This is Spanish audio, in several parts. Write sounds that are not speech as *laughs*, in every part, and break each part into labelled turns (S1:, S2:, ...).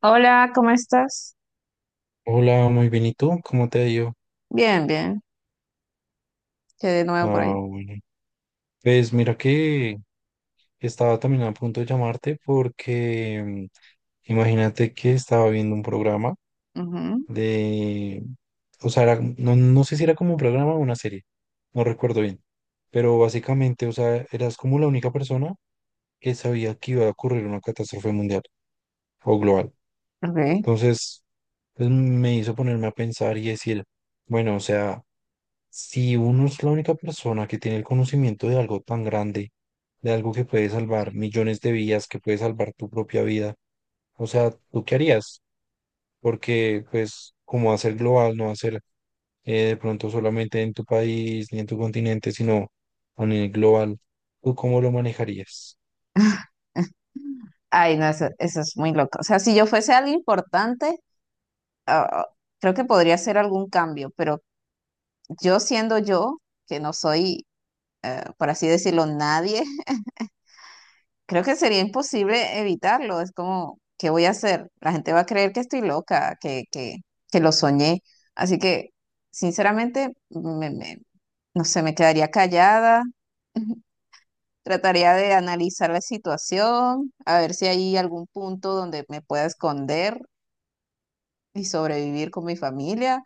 S1: Hola, ¿cómo estás?
S2: Hola, muy bien. ¿Y tú? ¿Cómo te ha ido?
S1: Bien, bien. Quedé de nuevo por
S2: Ah,
S1: ahí.
S2: bueno. Pues mira que estaba también a punto de llamarte porque imagínate que estaba viendo un programa
S1: Ujú,
S2: de, o sea, no, no sé si era como un programa o una serie, no recuerdo bien, pero básicamente, o sea, eras como la única persona que sabía que iba a ocurrir una catástrofe mundial o global.
S1: ok.
S2: Entonces, pues, me hizo ponerme a pensar y decir, bueno, o sea, si uno es la única persona que tiene el conocimiento de algo tan grande, de algo que puede salvar millones de vidas, que puede salvar tu propia vida, o sea, ¿tú qué harías? Porque, pues, como va a ser global, no va a ser de pronto solamente en tu país ni en tu continente, sino a nivel global, ¿tú cómo lo manejarías?
S1: *laughs* Ay, no, eso es muy loco. O sea, si yo fuese algo importante, ah, creo que podría hacer algún cambio, pero yo siendo yo, que no soy, por así decirlo, nadie, *laughs* creo que sería imposible evitarlo. Es como, ¿qué voy a hacer? La gente va a creer que estoy loca, que lo soñé. Así que, sinceramente, no sé, me quedaría callada. *laughs* Trataría de analizar la situación, a ver si hay algún punto donde me pueda esconder y sobrevivir con mi familia,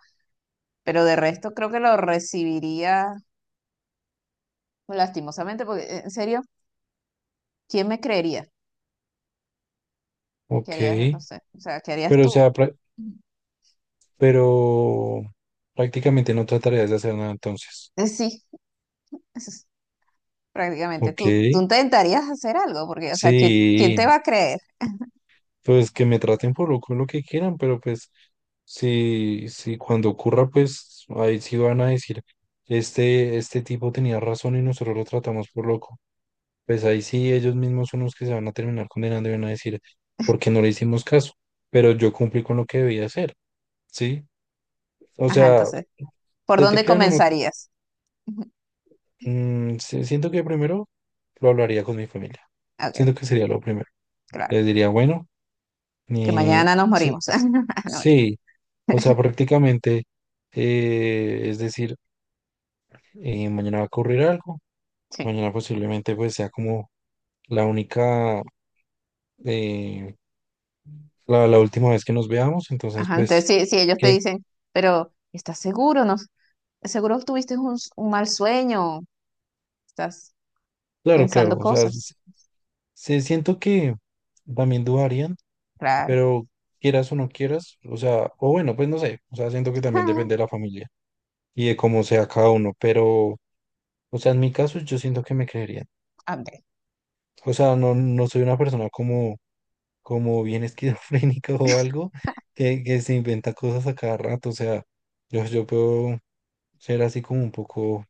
S1: pero de resto creo que lo recibiría lastimosamente, porque en serio, ¿quién me creería? ¿Qué
S2: Ok,
S1: harías? No sé, o sea, ¿qué harías
S2: pero o
S1: tú?
S2: sea,
S1: Ujú.
S2: pero prácticamente no trataría de hacer nada entonces.
S1: Sí, eso es prácticamente.
S2: Ok,
S1: Tú intentarías hacer algo, porque, o sea, ¿quién
S2: sí,
S1: te va a creer?
S2: pues que me traten por lo, con lo que quieran, pero pues sí, sí, cuando ocurra, pues ahí sí van a decir, este tipo tenía razón y nosotros lo tratamos por loco. Pues ahí sí, ellos mismos son los que se van a terminar condenando y van a decir, ¿por qué no le hicimos caso? Pero yo cumplí con lo que debía hacer, ¿sí? O
S1: Ajá,
S2: sea,
S1: entonces, ¿por
S2: te
S1: dónde
S2: crean o no.
S1: comenzarías? *laughs* Ujú,
S2: Mm, sí, siento que primero lo hablaría con mi familia. Siento
S1: ok,
S2: que sería lo primero.
S1: claro,
S2: Les diría, bueno,
S1: que
S2: ni...
S1: mañana nos
S2: sí,
S1: morimos. *laughs* No,
S2: sí, o sea, prácticamente, es decir, mañana va a ocurrir algo,
S1: sí.
S2: mañana posiblemente pues sea como la única, eh, la última vez que nos veamos, entonces
S1: Ajá, entonces
S2: pues,
S1: si ellos te
S2: que,
S1: dicen, pero ¿estás seguro? No, seguro tuviste un, un mal sueño, estás
S2: claro, claro,
S1: pensando
S2: o sea,
S1: cosas.
S2: sí, siento que también dudarían,
S1: Claro.
S2: pero quieras o no quieras, o sea, o bueno, pues no sé, o sea, siento que también depende de la
S1: *laughs*
S2: familia, y de cómo sea cada uno, pero, o sea, en mi caso yo siento que me creerían.
S1: André,
S2: O sea, no, no soy una persona como, bien esquizofrénica *laughs* o algo que se inventa cosas a cada rato. O sea, yo puedo ser así como un poco,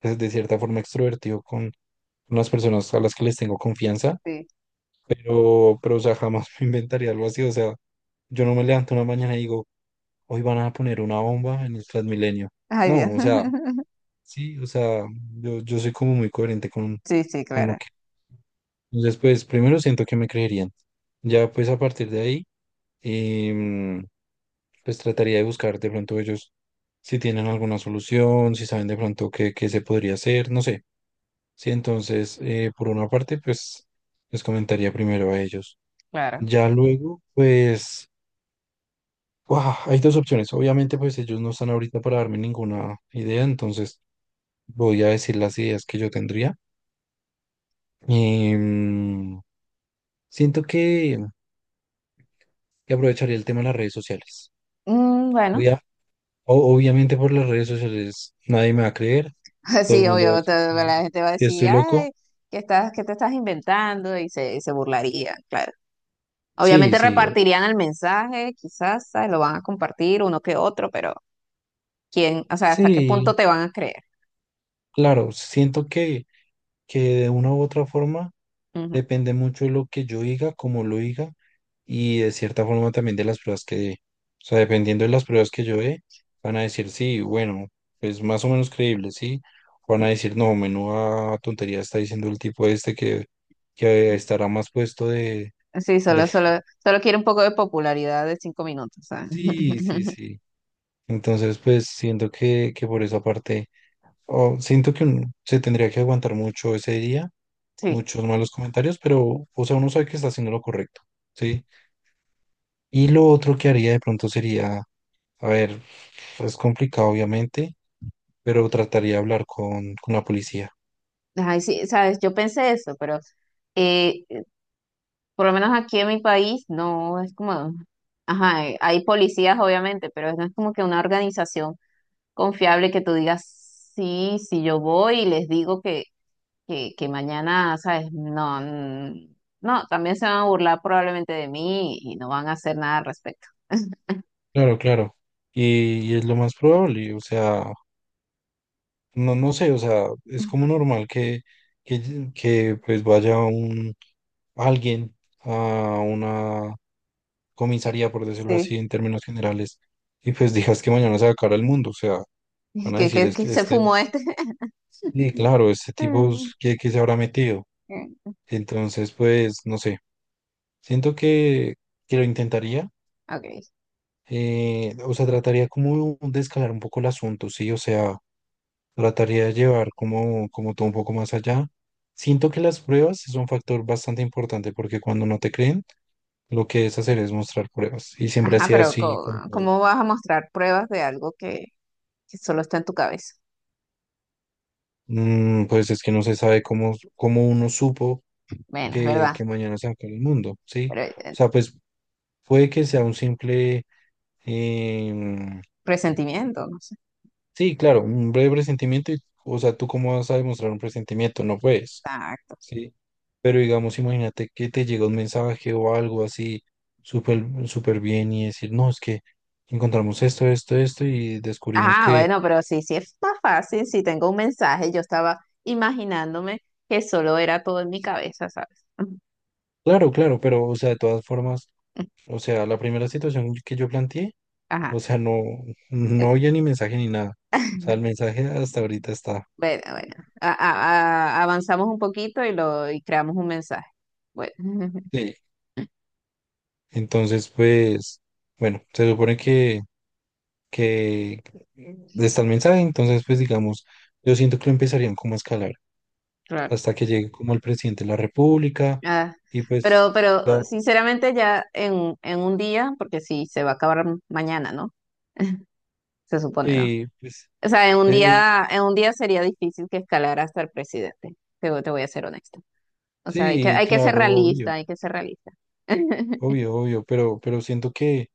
S2: pues, de cierta forma extrovertido con unas personas a las que les tengo confianza,
S1: sí.
S2: pero, o sea, jamás *laughs* me inventaría algo así. O sea, yo no me levanto una mañana y digo, hoy van a poner una bomba en el Transmilenio.
S1: Ay, Dios.
S2: No, o sea,
S1: *laughs*
S2: sí, o sea, yo soy como muy coherente con,
S1: Sí, sí,
S2: lo
S1: claro,
S2: que... Entonces, pues primero siento que me creerían. Ya pues a partir de ahí, em, pues trataría de buscar de pronto ellos si tienen alguna solución, si saben de pronto qué, qué se podría hacer, no sé. Sí, entonces, por una parte, pues les comentaría primero a ellos.
S1: claro.
S2: Ya luego, pues, ¡guau! Hay dos opciones. Obviamente, pues ellos no están ahorita para darme ninguna idea, entonces voy a decir las ideas que yo tendría. Em, siento que aprovecharía el tema de las redes sociales.
S1: Mm, bueno,
S2: Obvia- obviamente por las redes sociales nadie me va a creer,
S1: *laughs*
S2: todo el
S1: sí,
S2: mundo va a
S1: obvio,
S2: decir
S1: bueno, la gente va a
S2: que
S1: decir,
S2: estoy
S1: ay,
S2: loco.
S1: ¿qué estás, qué te estás inventando? Y se burlaría, claro.
S2: Sí,
S1: Obviamente
S2: sí,
S1: repartirían el mensaje, quizás, ¿sabes? Lo van a compartir uno que otro, pero ¿quién? O sea, ¿hasta qué
S2: sí,
S1: punto te van a creer?
S2: claro, siento que de una u otra forma
S1: Ujú.
S2: depende mucho de lo que yo diga, cómo lo diga y de cierta forma también de las pruebas que dé. O sea, dependiendo de las pruebas que yo dé, van a decir sí, bueno, es más o menos creíble, sí. O van a decir no, menuda tontería está diciendo el tipo este que estará más puesto
S1: Sí,
S2: de... *laughs*
S1: solo quiere un poco de popularidad de 5 minutos, ¿sabes?
S2: Sí, sí,
S1: *laughs*
S2: sí. Entonces, pues siento que por esa parte, o siento que uno se tendría que aguantar mucho ese día,
S1: Sí.
S2: muchos malos comentarios, pero, o sea, uno sabe que está haciendo lo correcto, ¿sí? Y lo otro que haría de pronto sería, a ver, es complicado obviamente, pero trataría de hablar con, la policía.
S1: Ay, sí, sabes, yo pensé eso, pero eh, por lo menos aquí en mi país no es como, ajá, hay policías obviamente, pero no es como que una organización confiable que tú digas, sí, si yo voy y les digo que, que mañana, sabes, no, mm, no, también se van a burlar probablemente de mí y no van a hacer nada al respecto.
S2: Claro, claro. Y es lo más probable, o sea, no, no sé, o sea, es como normal que, pues vaya alguien a una
S1: Eh,
S2: comisaría, por decirlo
S1: Sí,
S2: así, en términos generales, y pues digas que mañana se va a acabar el mundo, o sea,
S1: *laughs*
S2: van a decir es
S1: que
S2: que
S1: se
S2: este,
S1: fumó este.
S2: sí, claro, este tipo,
S1: *laughs*
S2: ¿qué se habrá metido?
S1: Mm.
S2: Entonces, pues, no sé. Siento que lo intentaría.
S1: Okay.
S2: Eh, o sea, trataría como de escalar un poco el asunto, ¿sí? O sea, trataría de llevar como, todo un poco más allá. Siento que las pruebas es un factor bastante importante porque cuando no te creen, lo que es hacer es mostrar pruebas. Y siempre ha
S1: Ajá,
S2: sido
S1: pero
S2: así con todo.
S1: ¿cómo, vas a mostrar pruebas de algo que solo está en tu cabeza?
S2: Mm, pues es que no se sabe cómo, uno supo
S1: Bueno, es
S2: que,
S1: verdad,
S2: que mañana se va a acabar el mundo, ¿sí?
S1: pero
S2: O sea, pues puede que sea un simple... em,
S1: presentimiento, no sé.
S2: sí, claro, un breve presentimiento, y, o sea, ¿tú cómo vas a demostrar un presentimiento? No puedes,
S1: Exacto.
S2: ¿sí? Pero digamos, imagínate que te llega un mensaje o algo así súper súper bien y decir, no, es que encontramos esto, esto, esto y descubrimos
S1: Ah,
S2: que,
S1: bueno, pero sí, sí está fácil. Si tengo un mensaje, yo estaba imaginándome que solo era todo en mi cabeza, ¿sabes? *laughs*
S2: claro, claro, pero, o sea, de todas formas, o sea, la primera situación que yo planteé,
S1: Ajá.
S2: o sea, no, no
S1: eh,
S2: había ni mensaje ni nada. O sea, el mensaje hasta ahorita está.
S1: Bueno, bueno. Avanzamos un poquito y lo y creamos un mensaje. Bueno, *laughs*
S2: Sí. Entonces, pues, bueno, se supone que está el mensaje, entonces pues digamos, yo siento que lo empezarían como a escalar
S1: claro.
S2: hasta que llegue como el presidente de la República
S1: Ah,
S2: y pues,
S1: pero
S2: ya,
S1: sinceramente ya en un día, porque si se va a acabar mañana, ¿no? Se supone, ¿no?
S2: sí, pues,
S1: O sea,
S2: eh,
S1: en un día sería difícil que escalara hasta el presidente. Te, te voy a ser honesta. O sea,
S2: sí,
S1: hay que ser
S2: claro, obvio,
S1: realista, hay que ser realista. *laughs*
S2: obvio, obvio, pero, siento que,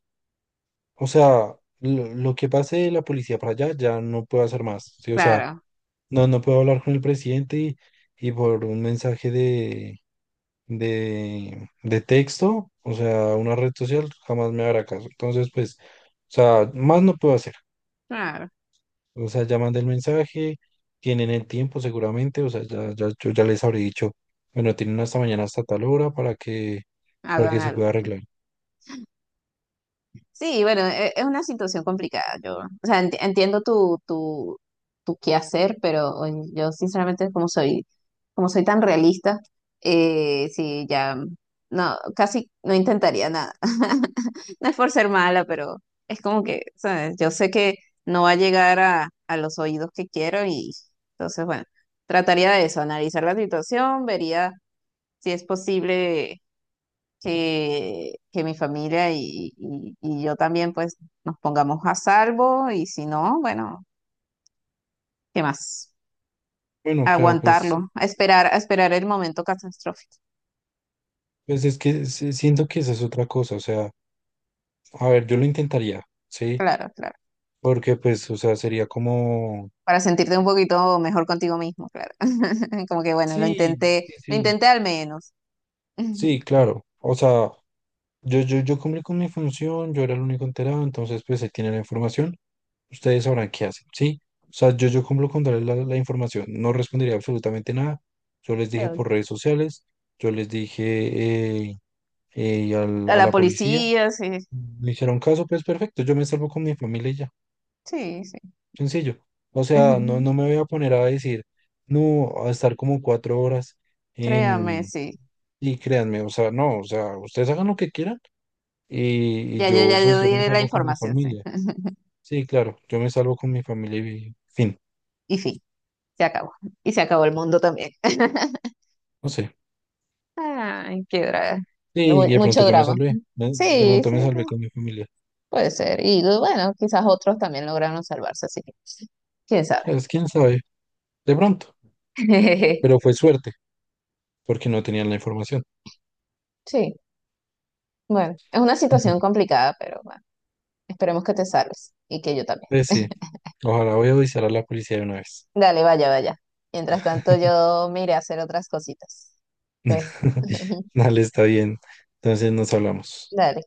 S2: o sea, lo que pase de la policía para allá ya no puedo hacer más, ¿sí? O sea,
S1: Claro,
S2: no, no puedo hablar con el presidente y por un mensaje de de texto, o sea, una red social jamás me hará caso. Entonces, pues, o sea, más no puedo hacer.
S1: claro,
S2: O sea, ya mandé el mensaje, tienen el tiempo seguramente, o sea, ya, ya, yo ya les habré dicho, bueno, tienen hasta mañana hasta tal hora para
S1: hagan
S2: que se pueda
S1: algo.
S2: arreglar.
S1: Sí, bueno, es una situación complicada. Yo, o sea, entiendo tu, tu, tu quehacer, pero oye, yo sinceramente, como soy tan realista, sí, ya no, casi no intentaría nada. *laughs* No es por ser mala, pero es como que, ¿sabes? Yo sé que no va a llegar a los oídos que quiero y entonces, bueno, trataría de eso, analizar la situación, vería si es posible que mi familia y, y yo también pues nos pongamos a salvo y si no, bueno, ¿qué más?
S2: Bueno, claro, pues,
S1: Aguantarlo, a esperar el momento catastrófico.
S2: pues es que siento que esa es otra cosa, o sea, a ver, yo lo intentaría, ¿sí?
S1: Claro, claro.
S2: Porque, pues, o sea, sería como...
S1: Para sentirte un poquito mejor contigo mismo, claro. *laughs* Como que bueno,
S2: Sí, sí,
S1: lo
S2: sí.
S1: intenté al menos. *laughs*
S2: Sí, claro. O sea, yo cumplí con mi función, yo era el único enterado, entonces pues él tiene la información, ustedes sabrán qué hacen, ¿sí? O sea, yo cumplo con darles la información, no respondería absolutamente nada, yo les dije
S1: Claro.
S2: por redes sociales, yo les dije
S1: A
S2: a
S1: la
S2: la policía,
S1: policía, sí,
S2: me hicieron caso, pues perfecto, yo me salvo con mi familia y ya,
S1: sí, sí.
S2: sencillo. O sea, no,
S1: *laughs*
S2: no me voy a poner a decir, no, a estar como 4 horas
S1: Créame,
S2: en...
S1: sí.
S2: Y créanme, o sea, no, o sea, ustedes hagan lo que quieran y yo,
S1: Ya
S2: pues
S1: yo
S2: yo me
S1: di la
S2: salvo con mi
S1: información, sí.
S2: familia.
S1: *laughs*
S2: Sí, claro, yo me salvo con mi familia y fin,
S1: Y fin, se acabó. Y se acabó el mundo también. *laughs*
S2: no sé.
S1: Ay, qué drama.
S2: Y de pronto
S1: Mucho
S2: yo me
S1: drama.
S2: salvé, ¿no? De
S1: Sí,
S2: pronto
S1: sí,
S2: me salvé
S1: no,
S2: con mi familia.
S1: puede ser. Y bueno, quizás otros también lograron salvarse, así que quién sabe.
S2: Pues quién sabe, de pronto,
S1: *laughs*
S2: pero fue suerte, porque no tenían la información.
S1: Sí, bueno, es una situación
S2: *laughs*
S1: complicada, pero bueno, esperemos que te salves y que yo también.
S2: Pues sí,
S1: *laughs*
S2: ojalá voy a avisar a la policía de una vez.
S1: Dale, vaya, vaya. Mientras tanto, yo me iré a hacer otras cositas. Entonces,
S2: *laughs*
S1: *laughs*
S2: Dale, está bien. Entonces nos hablamos.
S1: Dale.